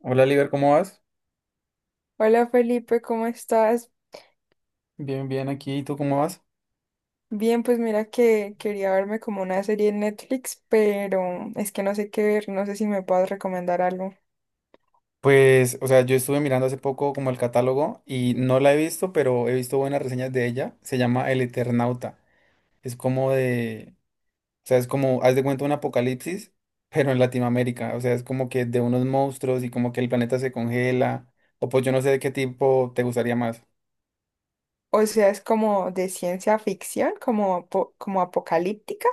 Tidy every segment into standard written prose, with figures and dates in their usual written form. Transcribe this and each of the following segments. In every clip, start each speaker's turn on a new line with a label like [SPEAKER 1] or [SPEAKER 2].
[SPEAKER 1] Hola, Liber, ¿cómo vas?
[SPEAKER 2] Hola Felipe, ¿cómo estás?
[SPEAKER 1] Bien, bien, aquí, ¿y tú cómo vas?
[SPEAKER 2] Bien, pues mira que quería verme como una serie en Netflix, pero es que no sé qué ver, no sé si me puedes recomendar algo.
[SPEAKER 1] Pues, o sea, yo estuve mirando hace poco como el catálogo y no la he visto, pero he visto buenas reseñas de ella. Se llama El Eternauta. Es como de, o sea, es como, haz de cuenta un apocalipsis, pero en Latinoamérica. O sea, es como que de unos monstruos y como que el planeta se congela. O pues yo no sé de qué tipo te gustaría más.
[SPEAKER 2] O sea, es como de ciencia ficción, como, como apocalíptica.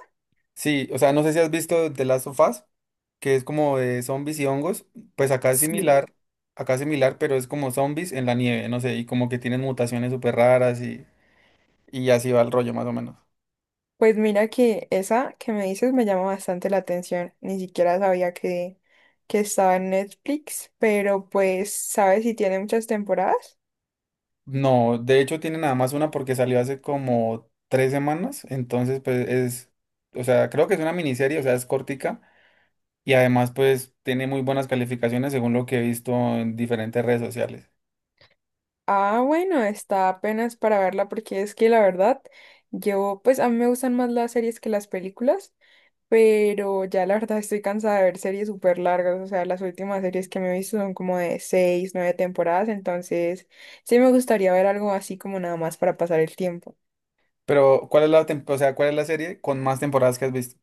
[SPEAKER 1] Sí, o sea, no sé si has visto The Last of Us, que es como de zombies y hongos. Pues
[SPEAKER 2] Sí.
[SPEAKER 1] acá es similar, pero es como zombies en la nieve, no sé, y como que tienen mutaciones súper raras y así va el rollo más o menos.
[SPEAKER 2] Pues mira que esa que me dices me llama bastante la atención, ni siquiera sabía que estaba en Netflix, pero pues, ¿sabes si tiene muchas temporadas?
[SPEAKER 1] No, de hecho tiene nada más una porque salió hace como tres semanas, entonces pues es, o sea, creo que es una miniserie, o sea, es cortica y además pues tiene muy buenas calificaciones según lo que he visto en diferentes redes sociales.
[SPEAKER 2] Ah, bueno, está apenas para verla porque es que la verdad, yo pues a mí me gustan más las series que las películas, pero ya la verdad estoy cansada de ver series súper largas, o sea, las últimas series que me he visto son como de seis, nueve temporadas, entonces sí me gustaría ver algo así como nada más para pasar el tiempo.
[SPEAKER 1] Pero, ¿cuál es o sea, cuál es la serie con más temporadas que has visto?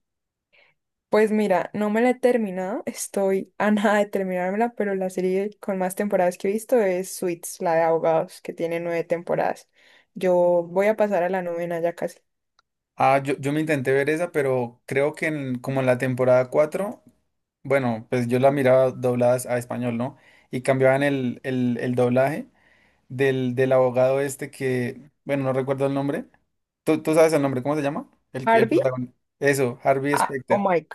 [SPEAKER 2] Pues mira, no me la he terminado, estoy a nada de terminármela, pero la serie con más temporadas que he visto es Suits, la de abogados, que tiene nueve temporadas. Yo voy a pasar a la novena ya casi.
[SPEAKER 1] Ah, yo me intenté ver esa, pero creo que en, como en la temporada 4, bueno, pues yo la miraba doblada a español, ¿no? Y cambiaban el doblaje del abogado este que, bueno, no recuerdo el nombre. ¿Tú sabes el nombre? ¿Cómo se llama? El
[SPEAKER 2] Harvey.
[SPEAKER 1] protagonista. Eso, Harvey
[SPEAKER 2] Ah, oh
[SPEAKER 1] Specter.
[SPEAKER 2] my.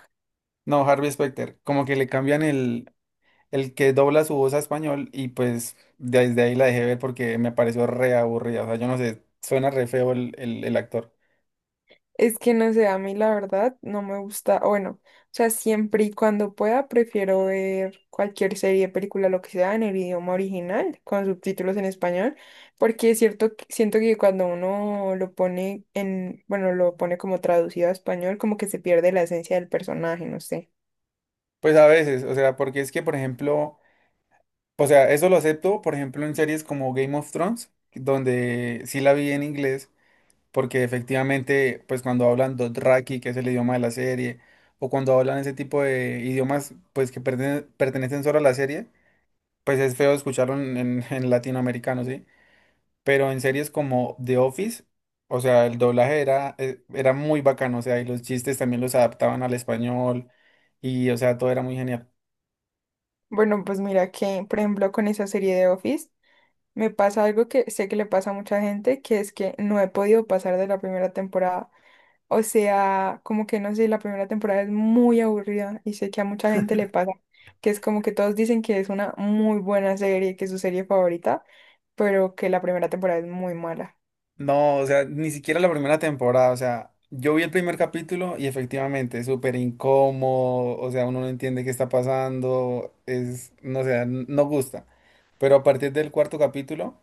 [SPEAKER 1] No, Harvey Specter. Como que le cambian el que dobla su voz a español y pues desde ahí la dejé ver porque me pareció re aburrida. O sea, yo no sé, suena re feo el actor.
[SPEAKER 2] Es que no sé, a mí la verdad no me gusta, o bueno, o sea, siempre y cuando pueda prefiero ver cualquier serie, película, lo que sea en el idioma original, con subtítulos en español, porque es cierto, siento que cuando uno lo pone en, bueno, lo pone como traducido a español, como que se pierde la esencia del personaje, no sé.
[SPEAKER 1] Pues a veces, o sea, porque es que, por ejemplo... O sea, eso lo acepto, por ejemplo, en series como Game of Thrones, donde sí la vi en inglés, porque efectivamente, pues cuando hablan Dothraki, que es el idioma de la serie, o cuando hablan ese tipo de idiomas, pues que pertenecen solo a la serie, pues es feo escucharlo en latinoamericano, ¿sí? Pero en series como The Office, o sea, el doblaje era, era muy bacano, o sea, y los chistes también los adaptaban al español, y o sea, todo era muy genial.
[SPEAKER 2] Bueno, pues mira que, por ejemplo, con esa serie de Office, me pasa algo que sé que le pasa a mucha gente, que es que no he podido pasar de la primera temporada. O sea, como que no sé, la primera temporada es muy aburrida y sé que a mucha gente le pasa, que es como que todos dicen que es una muy buena serie, que es su serie favorita, pero que la primera temporada es muy mala.
[SPEAKER 1] No, o sea, ni siquiera la primera temporada, o sea, yo vi el primer capítulo y efectivamente, es súper incómodo, o sea, uno no entiende qué está pasando, es, no sé, no gusta. Pero a partir del cuarto capítulo,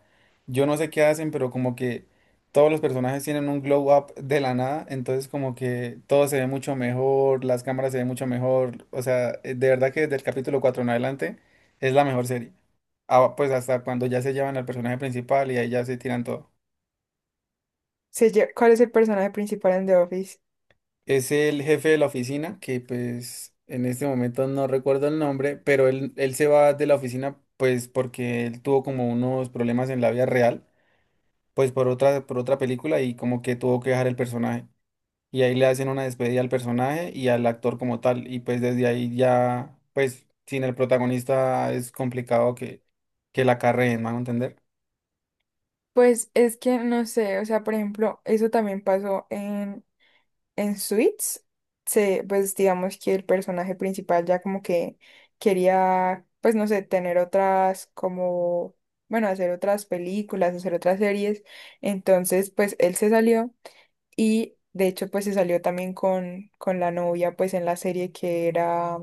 [SPEAKER 1] yo no sé qué hacen, pero como que todos los personajes tienen un glow up de la nada, entonces como que todo se ve mucho mejor, las cámaras se ven mucho mejor, o sea, de verdad que desde el capítulo 4 en adelante es la mejor serie. Ah, pues hasta cuando ya se llevan al personaje principal y ahí ya se tiran todo.
[SPEAKER 2] ¿Cuál es el personaje principal en The Office?
[SPEAKER 1] Es el jefe de la oficina, que pues en este momento no recuerdo el nombre, pero él se va de la oficina pues porque él tuvo como unos problemas en la vida real, pues por otra película y como que tuvo que dejar el personaje. Y ahí le hacen una despedida al personaje y al actor como tal. Y pues desde ahí ya, pues sin el protagonista es complicado que la carreen, ¿me van a entender?
[SPEAKER 2] Pues es que no sé, o sea, por ejemplo, eso también pasó en Suits, pues digamos que el personaje principal ya como que quería, pues no sé, tener otras como, bueno, hacer otras películas, hacer otras series. Entonces, pues él se salió y de hecho pues se salió también con la novia pues en la serie que era,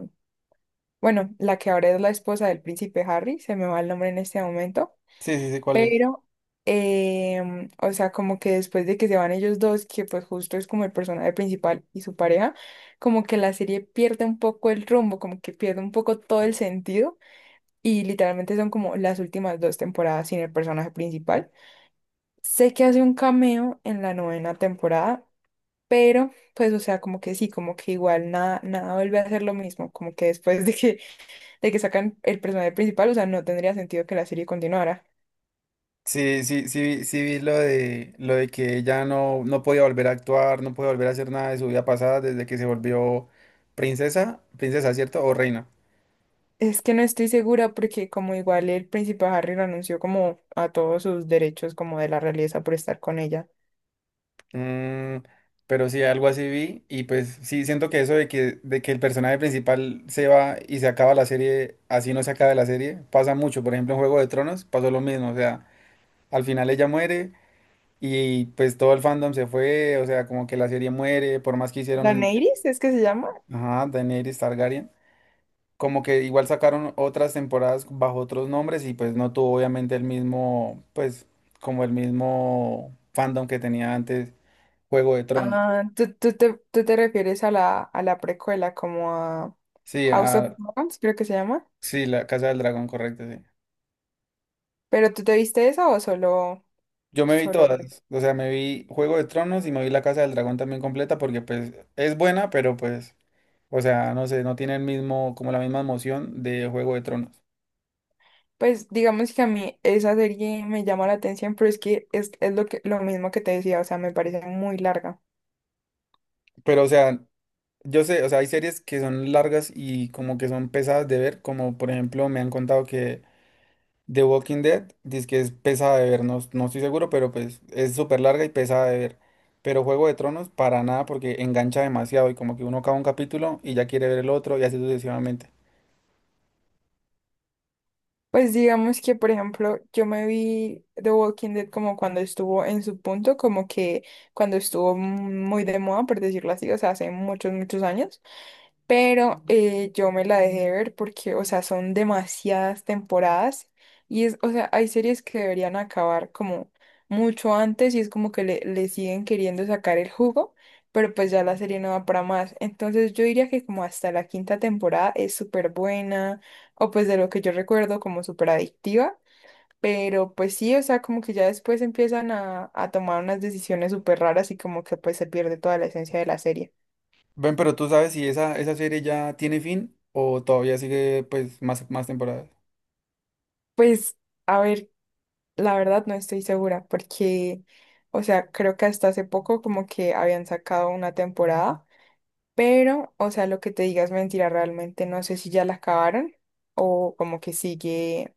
[SPEAKER 2] bueno, la que ahora es la esposa del príncipe Harry, se me va el nombre en este momento.
[SPEAKER 1] Sí, sí, sí, ¿cuál es?
[SPEAKER 2] Pero, o sea, como que después de que se van ellos dos, que pues justo es como el personaje principal y su pareja, como que la serie pierde un poco el rumbo, como que pierde un poco todo el sentido y literalmente son como las últimas dos temporadas sin el personaje principal. Sé que hace un cameo en la novena temporada, pero pues, o sea, como que sí, como que igual nada, nada vuelve a ser lo mismo, como que después de que sacan el personaje principal, o sea, no tendría sentido que la serie continuara.
[SPEAKER 1] Sí, sí, sí, sí vi lo de que ella no, no podía volver a actuar, no podía volver a hacer nada de su vida pasada desde que se volvió princesa, princesa, ¿cierto? O reina.
[SPEAKER 2] Es que no estoy segura porque como igual el príncipe Harry lo anunció como a todos sus derechos como de la realeza por estar con ella.
[SPEAKER 1] Mm, pero sí, algo así vi y pues sí, siento que eso de que el personaje principal se va y se acaba la serie, así no se acaba la serie, pasa mucho. Por ejemplo, en Juego de Tronos pasó lo mismo, o sea, al final ella muere y pues todo el fandom se fue, o sea, como que la serie muere, por más que hicieron,
[SPEAKER 2] ¿Daenerys es que se llama?
[SPEAKER 1] ajá, Daenerys Targaryen. Como que igual sacaron otras temporadas bajo otros nombres y pues no tuvo obviamente el mismo, pues como el mismo fandom que tenía antes Juego de Tronos.
[SPEAKER 2] Ah, tú te refieres a a la precuela como a
[SPEAKER 1] Sí,
[SPEAKER 2] House of
[SPEAKER 1] ah,
[SPEAKER 2] Dragons, ¿creo que se llama?
[SPEAKER 1] sí, la Casa del Dragón, correcto, sí.
[SPEAKER 2] ¿Pero tú te viste esa o solo,
[SPEAKER 1] Yo me vi
[SPEAKER 2] solo?
[SPEAKER 1] todas,
[SPEAKER 2] Game?
[SPEAKER 1] o sea, me vi Juego de Tronos y me vi la Casa del Dragón también completa porque pues es buena, pero pues, o sea, no sé, no tiene el mismo, como la misma emoción de Juego de Tronos.
[SPEAKER 2] Pues digamos que a mí esa serie me llama la atención, pero es que es lo que, lo mismo que te decía, o sea, me parece muy larga.
[SPEAKER 1] Pero, o sea, yo sé, o sea, hay series que son largas y como que son pesadas de ver, como por ejemplo me han contado que The Walking Dead, dice que es pesada de ver, no, no estoy seguro, pero pues es súper larga y pesada de ver. Pero Juego de Tronos, para nada, porque engancha demasiado y como que uno acaba un capítulo y ya quiere ver el otro y así sucesivamente.
[SPEAKER 2] Pues digamos que, por ejemplo, yo me vi The Walking Dead como cuando estuvo en su punto, como que cuando estuvo muy de moda, por decirlo así, o sea, hace muchos, muchos años. Pero yo me la dejé ver porque, o sea, son demasiadas temporadas y es, o sea, hay series que deberían acabar como mucho antes y es como que le siguen queriendo sacar el jugo, pero pues ya la serie no va para más. Entonces yo diría que como hasta la quinta temporada es súper buena o pues de lo que yo recuerdo como súper adictiva. Pero pues sí, o sea, como que ya después empiezan a tomar unas decisiones súper raras y como que pues se pierde toda la esencia de la serie.
[SPEAKER 1] Ven, pero tú sabes si esa serie ya tiene fin o todavía sigue pues más temporadas.
[SPEAKER 2] Pues a ver. La verdad no estoy segura porque, o sea, creo que hasta hace poco como que habían sacado una temporada, pero, o sea, lo que te digas mentira, realmente no sé si ya la acabaron o como que sigue,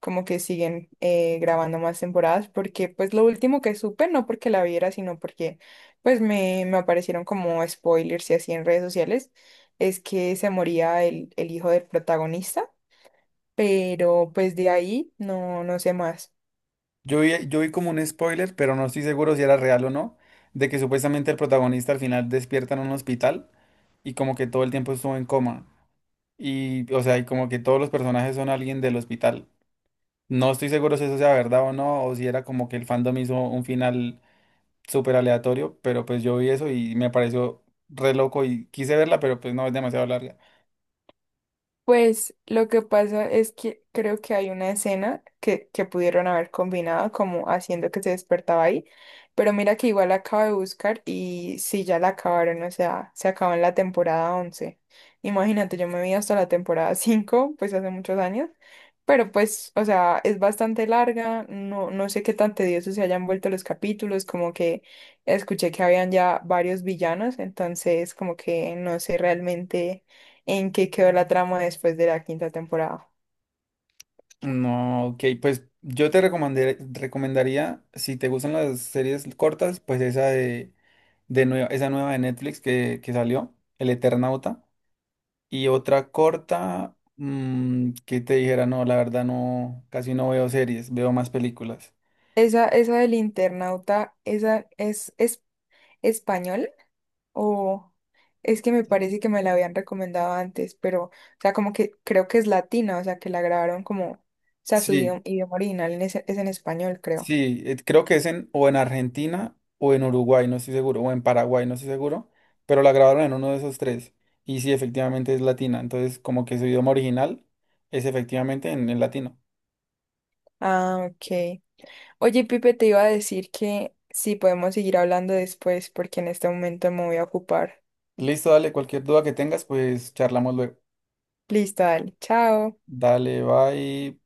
[SPEAKER 2] como que siguen grabando más temporadas porque pues lo último que supe, no porque la viera, sino porque pues me aparecieron como spoilers y así en redes sociales, es que se moría el hijo del protagonista, pero pues de ahí no, no sé más.
[SPEAKER 1] Yo vi como un spoiler, pero no estoy seguro si era real o no, de que supuestamente el protagonista al final despierta en un hospital y como que todo el tiempo estuvo en coma. Y, o sea, y como que todos los personajes son alguien del hospital. No estoy seguro si eso sea verdad o no, o si era como que el fandom hizo un final súper aleatorio, pero pues yo vi eso y me pareció re loco y quise verla, pero pues no es demasiado larga.
[SPEAKER 2] Pues lo que pasa es que creo que hay una escena que pudieron haber combinado como haciendo que se despertaba ahí, pero mira que igual la acabo de buscar y sí, ya la acabaron, o sea, se acabó en la temporada 11. Imagínate, yo me vi hasta la temporada 5, pues hace muchos años, pero pues, o sea, es bastante larga, no, no sé qué tan tediosos se hayan vuelto los capítulos, como que escuché que habían ya varios villanos, entonces como que no sé realmente en qué quedó la trama después de la quinta temporada.
[SPEAKER 1] No, ok, pues yo te recomendaría, si te gustan las series cortas, pues esa de nueva, esa nueva de Netflix que salió, El Eternauta, y otra corta que te dijera, no, la verdad no, casi no veo series, veo más películas.
[SPEAKER 2] Esa del internauta, ¿esa es español? O es que me parece que me la habían recomendado antes, pero, o sea, como que creo que es latina, o sea, que la grabaron como, o sea,
[SPEAKER 1] Sí,
[SPEAKER 2] idioma original en es en español, creo.
[SPEAKER 1] sí, creo que es en, o en Argentina o en Uruguay, no estoy seguro, o en Paraguay, no estoy seguro, pero la grabaron en uno de esos tres. Y sí, efectivamente es latina, entonces como que su idioma original es efectivamente en latino.
[SPEAKER 2] Ah, ok. Oye, Pipe, te iba a decir que sí, podemos seguir hablando después, porque en este momento me voy a ocupar.
[SPEAKER 1] Listo, dale, cualquier duda que tengas, pues charlamos luego.
[SPEAKER 2] Listo, dale, chao.
[SPEAKER 1] Dale, bye.